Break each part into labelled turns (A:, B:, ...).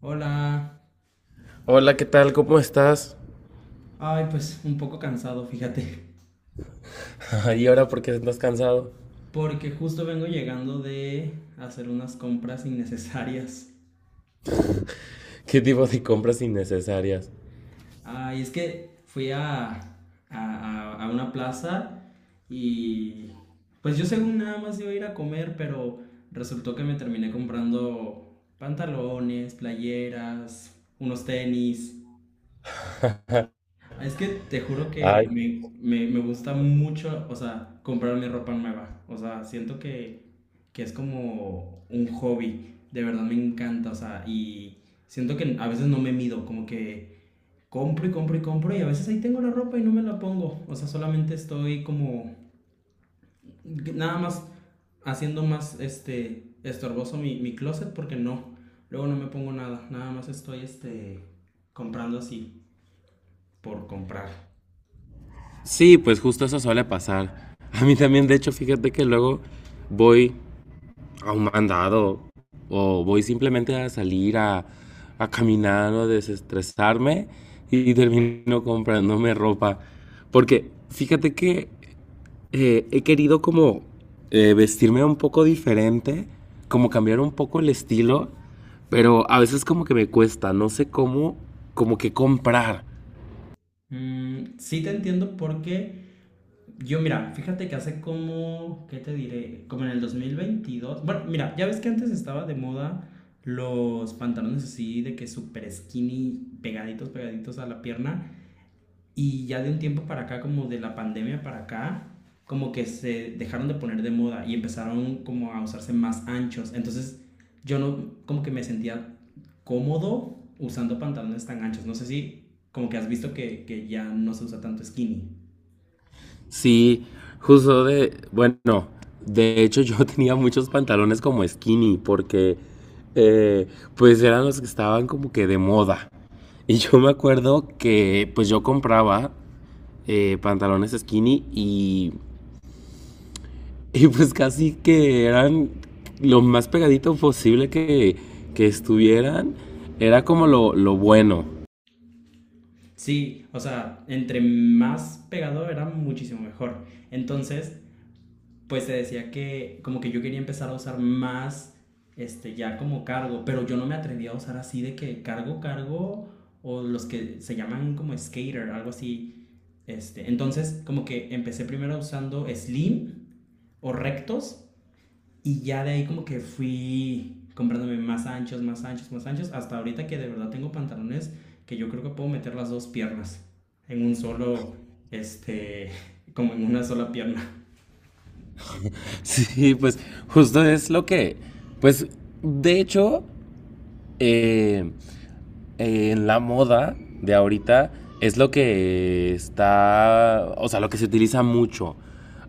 A: Hola.
B: Hola, ¿qué tal? ¿Cómo estás?
A: Ay, pues un poco cansado, fíjate.
B: ¿Y ahora por qué estás cansado?
A: Porque justo vengo llegando de hacer unas compras innecesarias.
B: ¿Qué tipo de compras innecesarias?
A: Ay, es que fui a una plaza y pues yo según nada más iba a ir a comer, pero resultó que me terminé comprando pantalones, playeras, unos tenis. Ah, es que te juro
B: Ay.
A: que me gusta mucho, o sea, comprar mi ropa nueva. O sea, siento que es como un hobby. De verdad me encanta, o sea, y siento que a veces no me mido, como que compro y compro y compro y a veces ahí tengo la ropa y no me la pongo. O sea, solamente estoy como nada más haciendo más este estorboso mi closet porque no, luego no me pongo nada, nada más estoy este comprando así por comprar.
B: Sí, pues justo eso suele pasar. A mí también, de hecho, fíjate que luego voy a un mandado o voy simplemente a salir a caminar o a desestresarme y termino comprándome ropa. Porque fíjate que he querido como vestirme un poco diferente, como cambiar un poco el estilo, pero a veces como que me cuesta, no sé cómo, como que comprar.
A: Mm, sí te entiendo porque yo, mira, fíjate que hace como, ¿qué te diré? Como en el 2022. Bueno, mira, ya ves que antes estaba de moda los pantalones así de que súper skinny, pegaditos, pegaditos a la pierna. Y ya de un tiempo para acá, como de la pandemia para acá, como que se dejaron de poner de moda y empezaron como a usarse más anchos. Entonces yo no, como que me sentía cómodo usando pantalones tan anchos. No sé si como que has visto que ya no se usa tanto skinny.
B: Sí, justo bueno, de hecho yo tenía muchos pantalones como skinny porque eh, pues eran los que estaban como que de moda. Y yo me acuerdo que pues yo compraba pantalones skinny y pues casi que eran lo más pegadito posible que estuvieran. Era como lo bueno.
A: Sí, o sea, entre más pegado era muchísimo mejor. Entonces pues te decía que como que yo quería empezar a usar más, este, ya como cargo, pero yo no me atrevía a usar así de que cargo, cargo, o los que se llaman como skater, algo así. Este, entonces como que empecé primero usando slim o rectos y ya de ahí como que fui comprándome más anchos, más anchos, más anchos, hasta ahorita que de verdad tengo pantalones que yo creo que puedo meter las dos piernas en un solo, este, como en una sola pierna.
B: Sí, pues justo es lo que... Pues de hecho, eh, en la moda de ahorita es lo que está... O sea, lo que se utiliza mucho.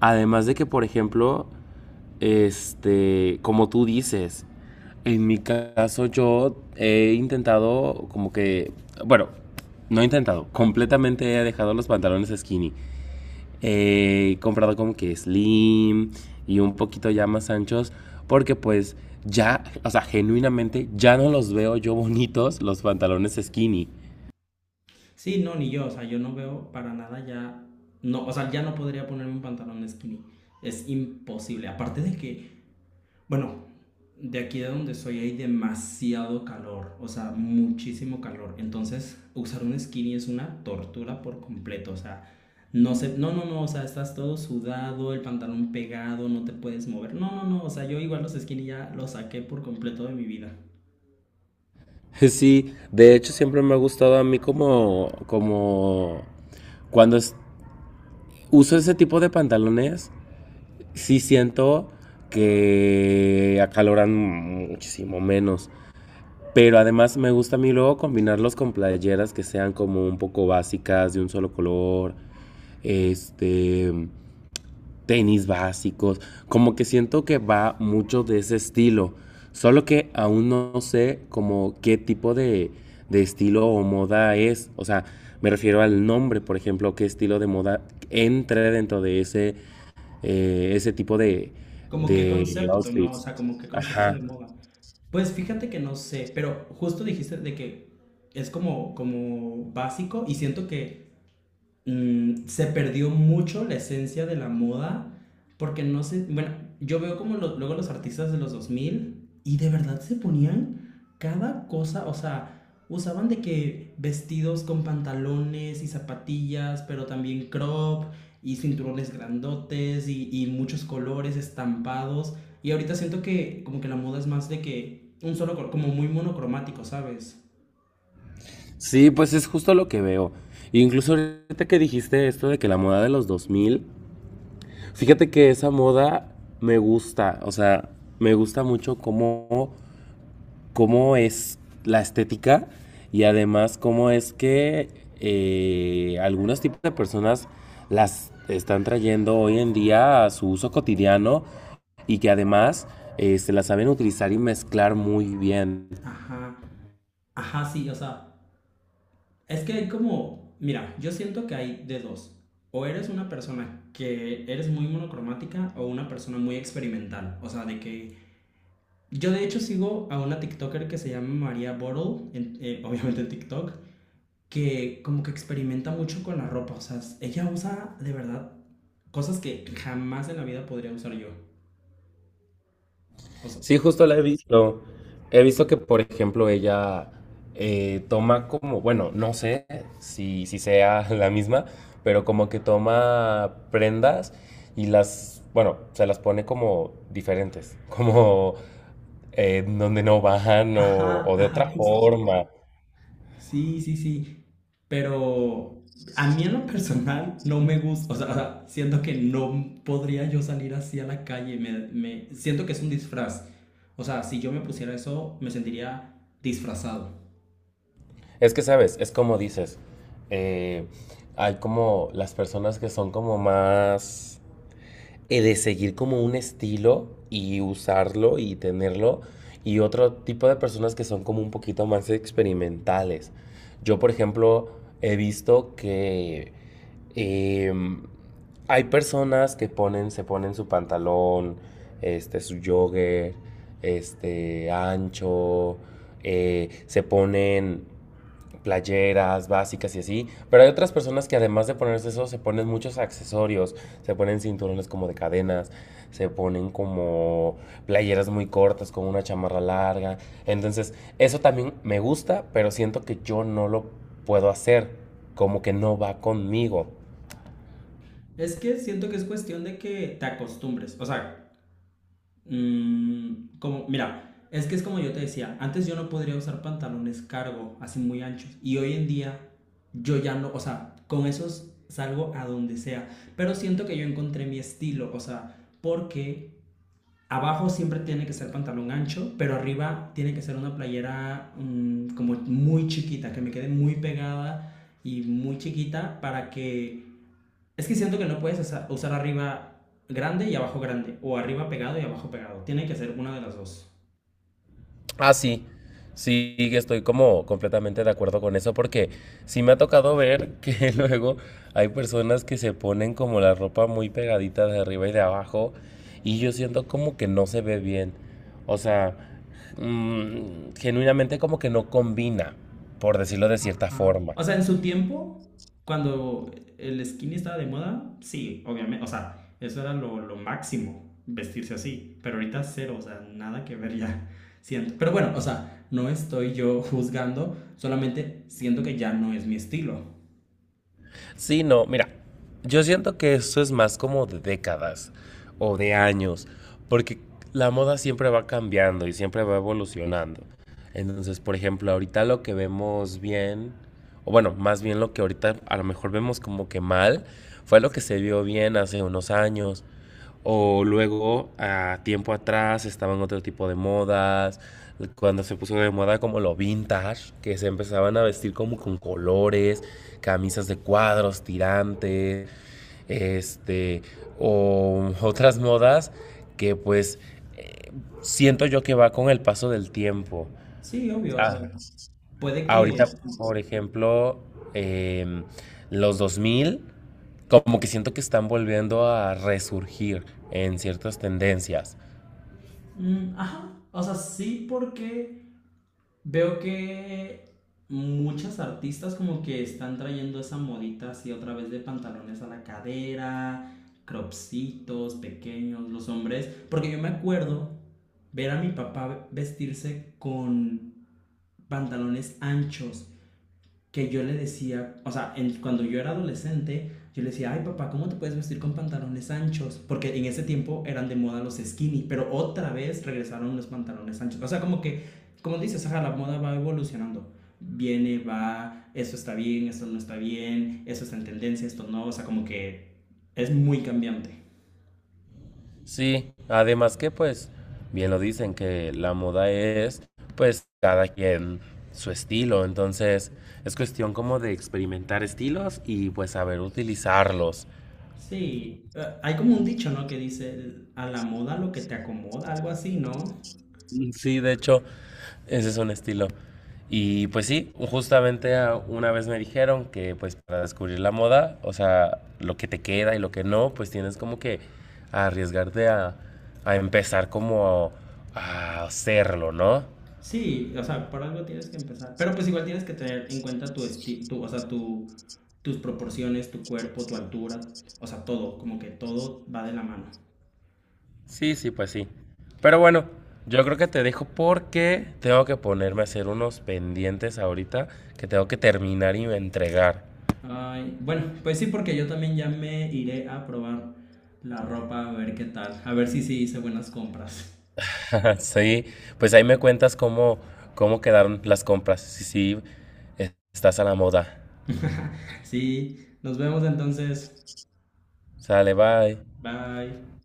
B: Además de que, por ejemplo, este, como tú dices, en mi caso yo he intentado como bueno, no he intentado, completamente he dejado los pantalones skinny. He comprado como que slim y un poquito ya más anchos porque pues ya, o sea, genuinamente ya no los veo yo bonitos los pantalones skinny.
A: Sí, no, ni yo, o sea, yo no veo para nada ya, no, o sea, ya no podría ponerme un pantalón skinny, es imposible, aparte de que, bueno, de aquí de donde soy hay demasiado calor, o sea, muchísimo calor, entonces usar un skinny es una tortura por completo, o sea, no sé, no, no, no, o sea, estás todo sudado, el pantalón pegado, no te puedes mover, no, no, no, o sea, yo igual los skinny ya los saqué por completo de mi vida.
B: Sí, de hecho siempre me ha gustado a mí como cuando es- uso ese tipo de pantalones, sí siento que acaloran muchísimo menos. Pero además me gusta a mí luego combinarlos con playeras que sean como un poco básicas, de un solo color, este, tenis básicos. Como que siento que va mucho de ese estilo. Solo que aún no sé como qué tipo de estilo o moda es. O sea, me refiero al nombre, por ejemplo, qué estilo de moda entre dentro de ese ese tipo
A: ¿Como qué
B: de
A: concepto, no? O
B: outfits.
A: sea, como qué concepto
B: Ajá.
A: de moda. Pues fíjate que no sé, pero justo dijiste de que es como, como básico y siento que mm, se perdió mucho la esencia de la moda porque no sé, bueno, yo veo como lo- luego los artistas de los 2000 y de verdad se ponían cada cosa, o sea, usaban de que vestidos con pantalones y zapatillas, pero también crop y cinturones grandotes y muchos colores estampados. Y ahorita siento que como que la moda es más de que un solo color, como muy monocromático, ¿sabes?
B: Sí, pues es justo lo que veo. Incluso ahorita que dijiste esto de que la moda de los 2000, fíjate que esa moda me gusta, o sea, me gusta mucho cómo es la estética y además cómo es que algunos tipos de personas las están trayendo hoy en día a su uso cotidiano y que además se las saben utilizar y mezclar muy bien.
A: Ajá, ajá, sí, o sea, es que hay como, mira, yo siento que hay de dos. O eres una persona que eres muy monocromática o una persona muy experimental. O sea, de que yo de hecho sigo a una TikToker que se llama María Bottle, obviamente en TikTok, que como que experimenta mucho con la ropa. O sea, ella usa de verdad cosas que jamás en la vida podría usar yo. O sea,
B: Sí, justo la he visto. He visto que, por ejemplo, ella toma como, bueno, no sé si sea la misma, pero como que toma prendas y bueno, se las pone como diferentes, como donde no van
A: ajá,
B: o de
A: ajá,
B: otra
A: justo.
B: forma.
A: Sí, sí, sí. Pero a mí en lo personal no me gusta, o sea, siento que no podría yo salir así a la calle, siento que es un disfraz. O sea, si yo me pusiera eso, me sentiría disfrazado.
B: Es que, ¿sabes? Es como dices, eh, hay como las personas que son como más de seguir como un estilo y usarlo y tenerlo, y otro tipo de personas que son como un poquito más experimentales. Yo, por ejemplo, he visto que em, hay personas que ponen, se ponen su pantalón, este, su jogger, este, ancho, se ponen playeras básicas y así, pero hay otras personas que además de ponerse eso, se ponen muchos accesorios, se ponen cinturones como de cadenas, se ponen como playeras muy cortas con una chamarra larga, entonces eso también me gusta, pero siento que yo no lo puedo hacer, como que no va conmigo.
A: Es que siento que es cuestión de que te acostumbres. O sea, mm, como, mira, es que es como yo te decía, antes yo no podría usar pantalones cargo, así muy anchos, y hoy en día yo ya no, o sea, con esos salgo a donde sea, pero siento que yo encontré mi estilo, o sea, porque abajo siempre tiene que ser pantalón ancho, pero arriba tiene que ser una playera mm, como muy chiquita, que me quede muy pegada y muy chiquita para que es que siento que no puedes usar, arriba grande y abajo grande, o arriba pegado y abajo pegado. Tiene que ser una de las dos.
B: Ah, sí. Sí, que estoy como completamente de acuerdo con eso porque sí me ha tocado ver que luego hay personas que se ponen como la ropa muy pegadita de arriba y de abajo y yo siento como que no se ve bien. O sea, mm, genuinamente como que no combina, por decirlo de cierta forma.
A: O sea, en su tiempo, cuando el skinny estaba de moda, sí, obviamente. O sea, eso era lo máximo, vestirse así. Pero ahorita cero, o sea, nada que ver ya. Siento. Pero bueno, o sea, no estoy yo juzgando, solamente siento que ya no es mi estilo.
B: Sí, no, mira, yo siento que esto es más como de décadas o de años, porque la moda siempre va cambiando y siempre va evolucionando. Entonces, por ejemplo, ahorita lo que vemos bien, o bueno, más bien lo que ahorita a lo mejor vemos como que mal, fue lo que se vio bien hace unos años. O luego, a tiempo atrás, estaban otro tipo de modas. Cuando se puso de moda como lo vintage, que se empezaban a vestir como con colores camisas de cuadros, tirantes, este, o otras modas que pues eh, siento yo que va con el paso del tiempo.
A: Sí, obvio, o sea,
B: Ah,
A: puede
B: ahorita,
A: que...
B: por ejemplo, eh, los 2000, como que siento que están volviendo a resurgir en ciertas tendencias.
A: Mm, ajá, o sea, sí porque veo que muchas artistas como que están trayendo esa modita así otra vez de pantalones a la cadera, cropsitos pequeños, los hombres, porque yo me acuerdo ver a mi papá vestirse con pantalones anchos que yo le decía, o sea, cuando yo era adolescente, yo le decía, ay papá, ¿cómo te puedes vestir con pantalones anchos? Porque en ese tiempo eran de moda los skinny, pero otra vez regresaron los pantalones anchos. O sea, como que, como dices, ajá, la moda va evolucionando. Viene, va, eso está bien, eso no está bien, eso está en tendencia, esto no, o sea, como que es muy cambiante.
B: Sí, además que pues bien lo dicen que la moda es pues cada quien su estilo, entonces es cuestión como de experimentar estilos y pues saber utilizarlos.
A: Sí, hay como un dicho, ¿no? Que dice, a la moda lo que te acomoda, algo así, ¿no?
B: Sí, de hecho, ese es un estilo. Y pues sí, justamente ah, una vez me dijeron que pues para descubrir la moda, o sea, lo que te queda y lo que no, pues tienes como que arriesgarte a empezar como a hacerlo, ¿no?
A: Sí, o sea, por algo tienes que empezar. Pero pues igual tienes que tener en cuenta tu esti tu, o sea, tu, tus proporciones, tu cuerpo, tu altura, o sea, todo, como que todo va de la mano.
B: Sí, sí, pues sí. Pero bueno, yo creo que te dejo porque tengo que ponerme a hacer unos pendientes ahorita que tengo que terminar y entregar.
A: Ay, bueno, pues sí, porque yo también ya me iré a probar la ropa, a ver qué tal, a ver si sí hice buenas compras.
B: Sí, pues ahí me cuentas cómo, cómo quedaron las compras. Sí, sí, estás a la moda.
A: Sí, nos vemos entonces.
B: Sale, bye.
A: Bye.